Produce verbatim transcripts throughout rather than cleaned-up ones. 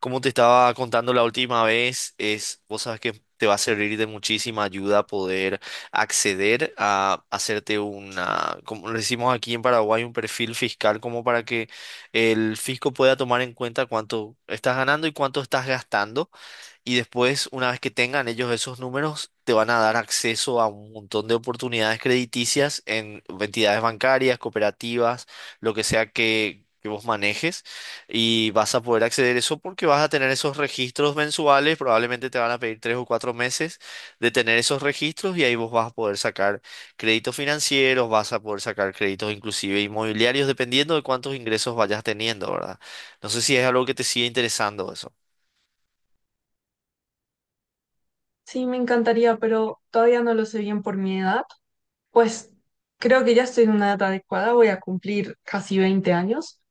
Como te estaba contando la última vez, es, vos sabes que te va a servir de muchísima ayuda poder acceder a hacerte una, como le decimos aquí en Paraguay, un perfil fiscal, como para que el fisco pueda tomar en cuenta cuánto estás ganando y cuánto estás gastando, y después, una vez que tengan ellos esos números, te van a dar acceso a un montón de oportunidades crediticias en entidades bancarias, cooperativas, lo que sea que, que vos manejes. Y vas a poder acceder a eso porque vas a tener esos registros mensuales. Probablemente te van a pedir tres o cuatro meses de tener esos registros y ahí vos vas a poder sacar créditos financieros, vas a poder sacar créditos inclusive inmobiliarios, dependiendo de cuántos ingresos vayas teniendo, ¿verdad? No sé si es algo que te sigue interesando eso. Sí, me encantaría, pero todavía no lo sé bien por mi edad. Pues creo que ya estoy en una edad adecuada, voy a cumplir casi veinte años,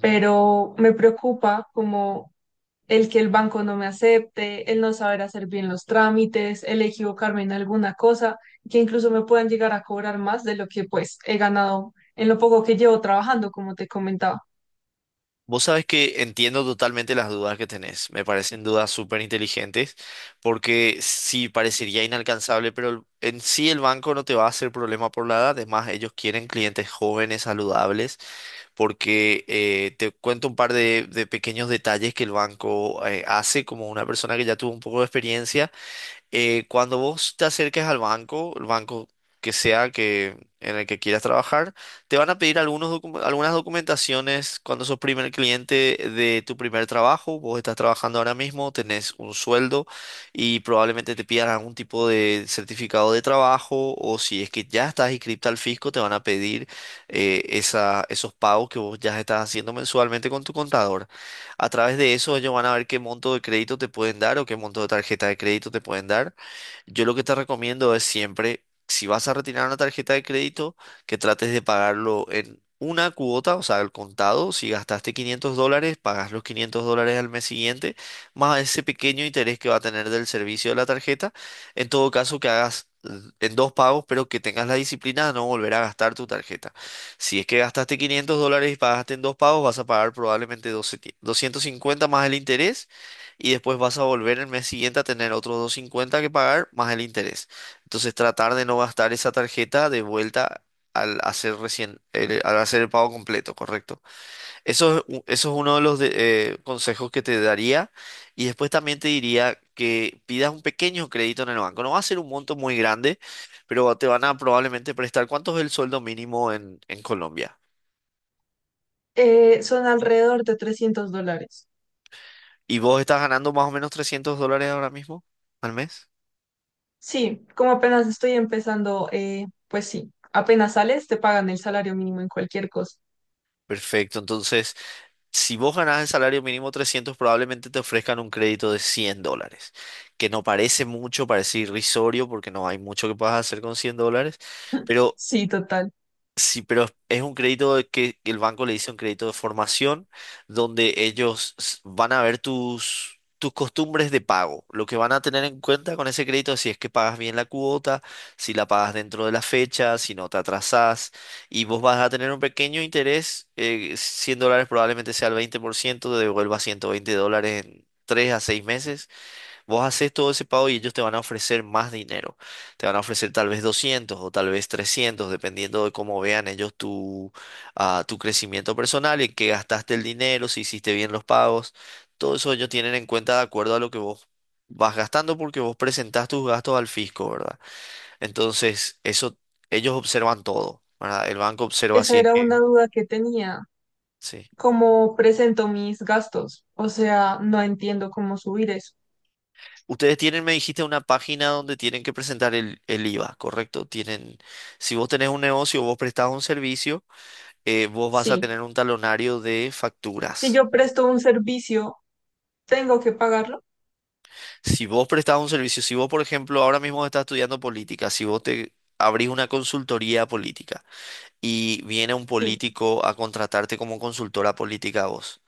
pero me preocupa como el que el banco no me acepte, el no saber hacer bien los trámites, el equivocarme en alguna cosa, que incluso me puedan llegar a cobrar más de lo que pues he ganado en lo poco que llevo trabajando, como te comentaba. Vos sabés que entiendo totalmente las dudas que tenés. Me parecen dudas súper inteligentes porque sí parecería inalcanzable, pero el- en sí el banco no te va a hacer problema por la edad. Además, ellos quieren clientes jóvenes, saludables, porque eh, te cuento un par de, de pequeños detalles que el banco eh, hace como una persona que ya tuvo un poco de experiencia. Eh, cuando vos te acerques al banco, el banco que sea que, en el que quieras trabajar, te van a pedir algunos docu- algunas documentaciones cuando sos primer cliente de tu primer trabajo. Vos estás trabajando ahora mismo, tenés un sueldo y probablemente te pidan algún tipo de certificado de trabajo o si es que ya estás inscripta al fisco, te van a pedir eh, esa- esos pagos que vos ya estás haciendo mensualmente con tu contador. A través de eso ellos van a ver qué monto de crédito te pueden dar o qué monto de tarjeta de crédito te pueden dar. Yo lo que te recomiendo es siempre, si vas a retirar una tarjeta de crédito, que trates de pagarlo en una cuota, o sea, al contado. Si gastaste quinientos dólares, pagas los quinientos dólares al mes siguiente, más ese pequeño interés que va a tener del servicio de la tarjeta. En todo caso, que hagas eh, en dos pagos, pero que tengas la disciplina de no volver a gastar tu tarjeta. Si es que gastaste quinientos dólares y pagaste en dos pagos, vas a pagar probablemente doce mil doscientos cincuenta más el interés y después vas a volver el mes siguiente a tener otros doscientos cincuenta que pagar más el interés. Entonces tratar de no gastar esa tarjeta de vuelta al hacer recién, el- al hacer el pago completo, ¿correcto? Eso es, u- eso es uno de los de- eh, consejos que te daría. Y después también te diría que pidas un pequeño crédito en el banco. No va a ser un monto muy grande, pero te van a probablemente prestar. ¿Cuánto es el sueldo mínimo en, en Colombia? Eh, son alrededor de trescientos dólares. ¿Y vos estás ganando más o menos trescientos dólares ahora mismo al mes? Sí, como apenas estoy empezando, eh, pues sí, apenas sales, te pagan el salario mínimo en cualquier cosa. Perfecto. Entonces, si vos ganás el salario mínimo trescientos probablemente te ofrezcan un crédito de cien dólares, que no parece mucho, parece irrisorio porque no hay mucho que puedas hacer con cien dólares. Pero. Sí, total. Sí, pero es es un crédito de que que el banco le dice un crédito de formación donde ellos s- van a ver tus, tus costumbres de pago. Lo que van a tener en cuenta con ese crédito es si es que pagas bien la cuota, si la pagas dentro de la fecha, si no te atrasás. Y vos vas a tener un pequeño interés, eh, cien dólares probablemente sea el veinte por ciento te devuelva ciento veinte dólares en tres a seis meses. Vos haces todo ese pago y ellos te van a ofrecer más dinero. Te van a ofrecer tal vez doscientos o tal vez trescientos dependiendo de cómo vean ellos tu, ah, tu crecimiento personal, en qué gastaste el dinero, si hiciste bien los pagos. Todo eso ellos tienen en cuenta de acuerdo a lo que vos vas gastando porque vos presentás tus gastos al fisco, ¿verdad? Entonces, eso ellos observan todo, ¿verdad? El banco observa si Esa es era una que... duda que tenía. Sí. ¿Cómo presento mis gastos? O sea, no entiendo cómo subir eso. Ustedes tienen, me dijiste, una página donde tienen que presentar el, el IVA, ¿correcto? Tienen, si vos tenés un negocio, vos prestás un servicio, eh, vos vas a Sí. tener un talonario de Si facturas. yo presto un servicio, ¿tengo que pagarlo? Si vos prestás un servicio, si vos, por ejemplo, ahora mismo estás estudiando política, si vos te abrís una consultoría política y viene un Sí, político a contratarte como consultora política a vos.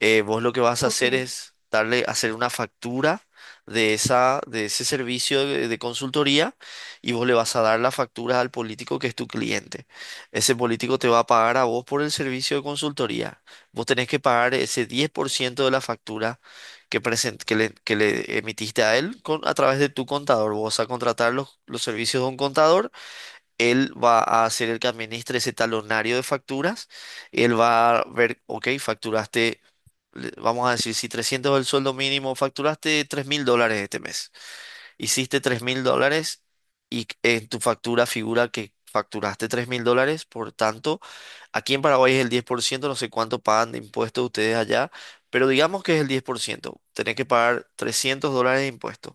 eh, vos lo que vas a hacer ok. es darle, hacer una factura de esa, de ese servicio de, de consultoría y vos le vas a dar la factura al político que es tu cliente. Ese político te va a pagar a vos por el servicio de consultoría. Vos tenés que pagar ese diez por ciento de la factura que, present- que, le, que le emitiste a él con, a través de tu contador. Vos vas a contratar los, los servicios de un contador. Él va a ser el que administre ese talonario de facturas. Él va a ver, ok, facturaste, le- vamos a decir, si trescientos es el sueldo mínimo, facturaste tres mil dólares este mes. Hiciste tres mil dólares y en tu factura figura que facturaste tres mil dólares. Por tanto, aquí en Paraguay es el diez por ciento. No sé cuánto pagan de impuestos ustedes allá, pero digamos que es el diez por ciento. Tenés que pagar trescientos dólares de impuestos.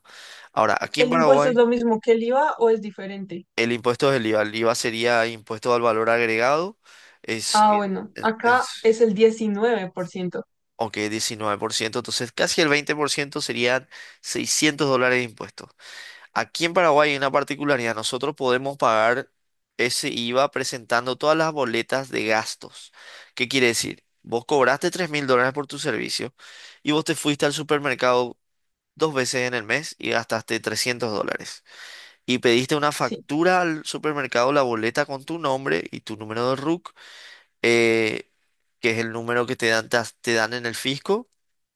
Ahora, aquí en ¿El impuesto es Paraguay... lo mismo que el I V A o es diferente? El impuesto es el IVA. El IVA sería impuesto al valor agregado. Es, Ah, en- bueno, en- acá es es- el diecinueve por ciento. ok, diecinueve por ciento. Entonces, casi el veinte por ciento serían seiscientos dólares de impuestos. Aquí en Paraguay hay una particularidad. Nosotros podemos pagar ese IVA presentando todas las boletas de gastos. ¿Qué quiere decir? Vos cobraste tres mil dólares por tu servicio y vos te fuiste al supermercado dos veces en el mes y gastaste trescientos dólares y pediste una Sí. factura al supermercado, la boleta con tu nombre y tu número de RUC, eh, que es el número que te dan, te, as- te dan en el fisco.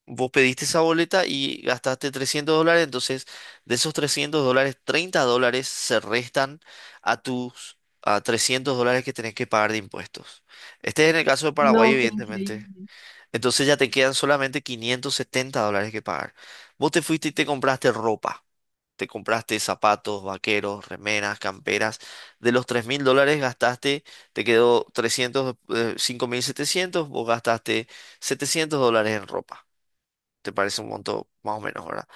Vos pediste esa boleta y gastaste trescientos dólares, entonces de esos trescientos dólares, treinta dólares se restan a tus a trescientos dólares que tenés que pagar de impuestos. Este es en el caso de Paraguay, No, qué evidentemente. increíble. Entonces ya te quedan solamente quinientos setenta dólares que pagar. Vos te fuiste y te compraste ropa, te compraste zapatos, vaqueros, remeras, camperas. De los tres mil dólares gastaste, te quedó trescientos, eh, cinco mil setecientos vos gastaste setecientos dólares en ropa. Te parece un monto más o menos, ¿verdad?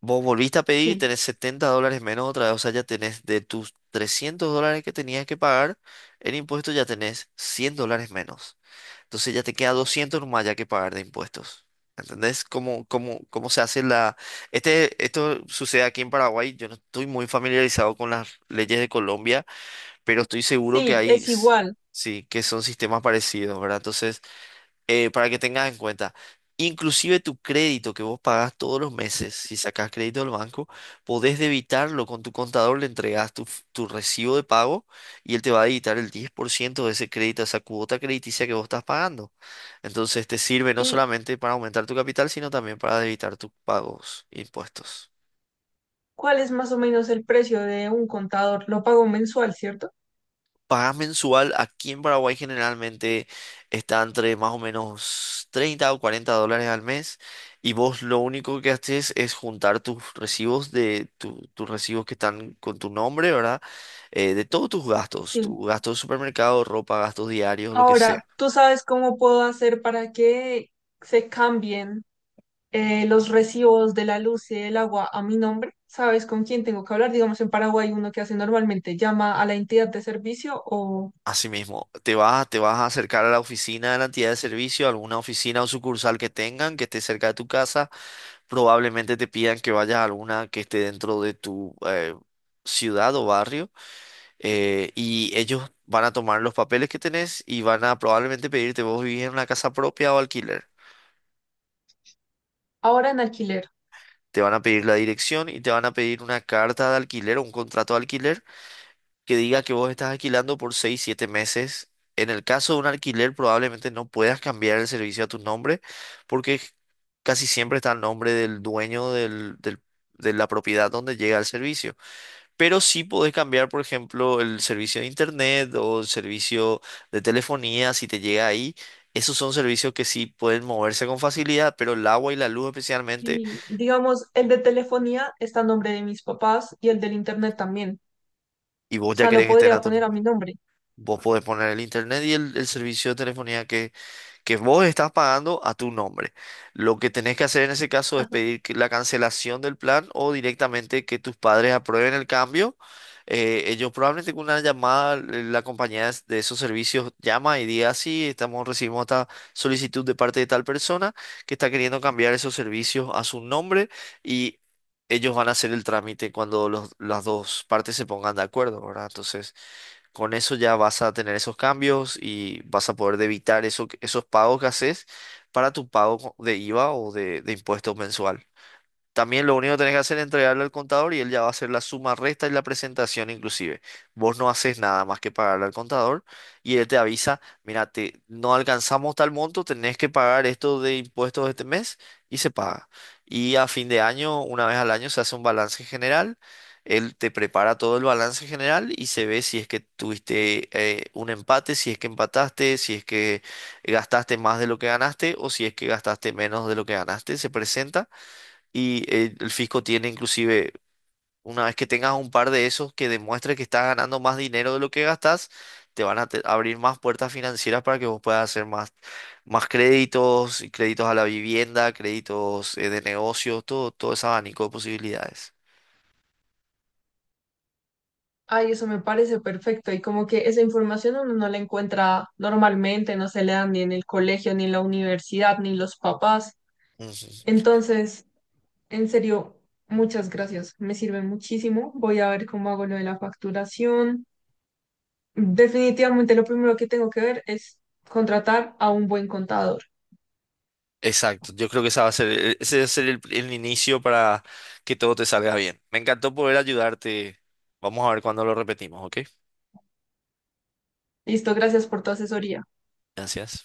Vos volviste a pedir y Sí, tenés setenta dólares menos otra vez, o sea, ya tenés de tus trescientos dólares que tenías que pagar en impuestos, ya tenés cien dólares menos. Entonces ya te queda doscientos nomás ya que pagar de impuestos. ¿Entendés cómo, cómo, cómo se hace la... Este, esto sucede aquí en Paraguay. Yo no estoy muy familiarizado con las leyes de Colombia, pero estoy seguro que sí, hay, es s- igual. sí, que son sistemas parecidos, ¿verdad? Entonces, eh, para que tengas en cuenta. Inclusive tu crédito que vos pagás todos los meses, si sacás crédito del banco, podés debitarlo con tu contador, le entregás tu, f- tu recibo de pago y él te va a debitar el diez por ciento de ese crédito, esa cuota crediticia que vos estás pagando. Entonces te sirve no Y solamente para aumentar tu capital, sino también para debitar tus pagos, impuestos. ¿cuál es más o menos el precio de un contador? Lo pago mensual, ¿cierto? Pagás mensual aquí en Paraguay generalmente está entre más o menos treinta o cuarenta dólares al mes y vos lo único que haces es juntar tus recibos de tu- tus recibos que están con tu nombre, ¿verdad? Eh, de todos tus gastos, Sí. tu gasto de supermercado, ropa, gastos diarios, lo que Ahora, sea. ¿tú sabes cómo puedo hacer para que se cambien eh, los recibos de la luz y del agua a mi nombre? ¿Sabes con quién tengo que hablar? Digamos, en Paraguay uno que hace normalmente llama a la entidad de servicio o Asimismo, te vas, te vas a acercar a la oficina de la entidad de servicio, alguna oficina o sucursal que tengan, que esté cerca de tu casa. Probablemente te pidan que vayas a alguna que esté dentro de tu eh, ciudad o barrio. eh, y ellos van a tomar los papeles que tenés y van a probablemente pedirte, vos vivís en una casa propia o alquiler. ahora en alquiler. Te van a pedir la dirección y te van a pedir una carta de alquiler o un contrato de alquiler que diga que vos estás alquilando por seis siete meses. En el caso de un alquiler, probablemente no puedas cambiar el servicio a tu nombre, porque casi siempre está el nombre del dueño del, del- de la propiedad donde llega el servicio. Pero sí podés cambiar, por ejemplo, el servicio de internet o el servicio de telefonía, si te llega ahí. Esos son servicios que sí pueden moverse con facilidad, pero el agua y la luz especialmente, Y digamos, el de telefonía está a nombre de mis papás y el del internet también. y vos O ya sea, lo querés que estén a podría tu poner a nombre. mi nombre. Vos podés poner el internet y el, el servicio de telefonía que que vos estás pagando a tu nombre. Lo que tenés que hacer en ese caso es pedir que- la cancelación del plan o directamente que tus padres aprueben el cambio. Eh, ellos probablemente con una llamada, eh, la compañía es- de esos servicios llama y diga, sí, estamos, recibimos esta solicitud de parte de tal persona que está queriendo cambiar esos servicios a su nombre y ellos van a hacer el trámite cuando los- las dos partes se pongan de acuerdo, ¿verdad? Entonces... Con eso ya vas a tener esos cambios y vas a poder evitar eso, esos pagos que haces para tu pago de IVA o de, de impuesto mensual. También lo único que tenés que hacer es entregarle al contador y él ya va a hacer la suma, resta y la presentación inclusive. Vos no haces nada más que pagarle al contador y él te avisa, mira, te- no alcanzamos tal monto, tenés que pagar esto de impuestos este mes y se paga. Y a fin de año, una vez al año, se hace un balance general. Él te prepara todo el balance general y se ve si es que tuviste eh, un empate, si es que empataste, si es que gastaste más de lo que ganaste o si es que gastaste menos de lo que ganaste. Se presenta. Y eh, el fisco tiene inclusive, una vez que tengas un par de esos que demuestre que estás ganando más dinero de lo que gastas, te van a te- abrir más puertas financieras para que vos puedas hacer más, más créditos, y créditos a la vivienda, créditos eh, de negocios, todo, todo ese abanico de posibilidades. Ay, eso me parece perfecto. Y como que esa información uno no la encuentra normalmente, no se le dan ni en el colegio, ni en la universidad, ni los papás. Ujú. Entonces, en serio, muchas gracias. Me sirven muchísimo. Voy a ver cómo hago lo de la facturación. Definitivamente lo primero que tengo que ver es contratar a un buen contador. Exacto, yo creo que esa va a ser, el- ese va a ser el, el inicio para que todo te salga bien. Me encantó poder ayudarte. Vamos a ver cuándo lo repetimos, ¿ok? Listo, gracias por tu asesoría. Gracias.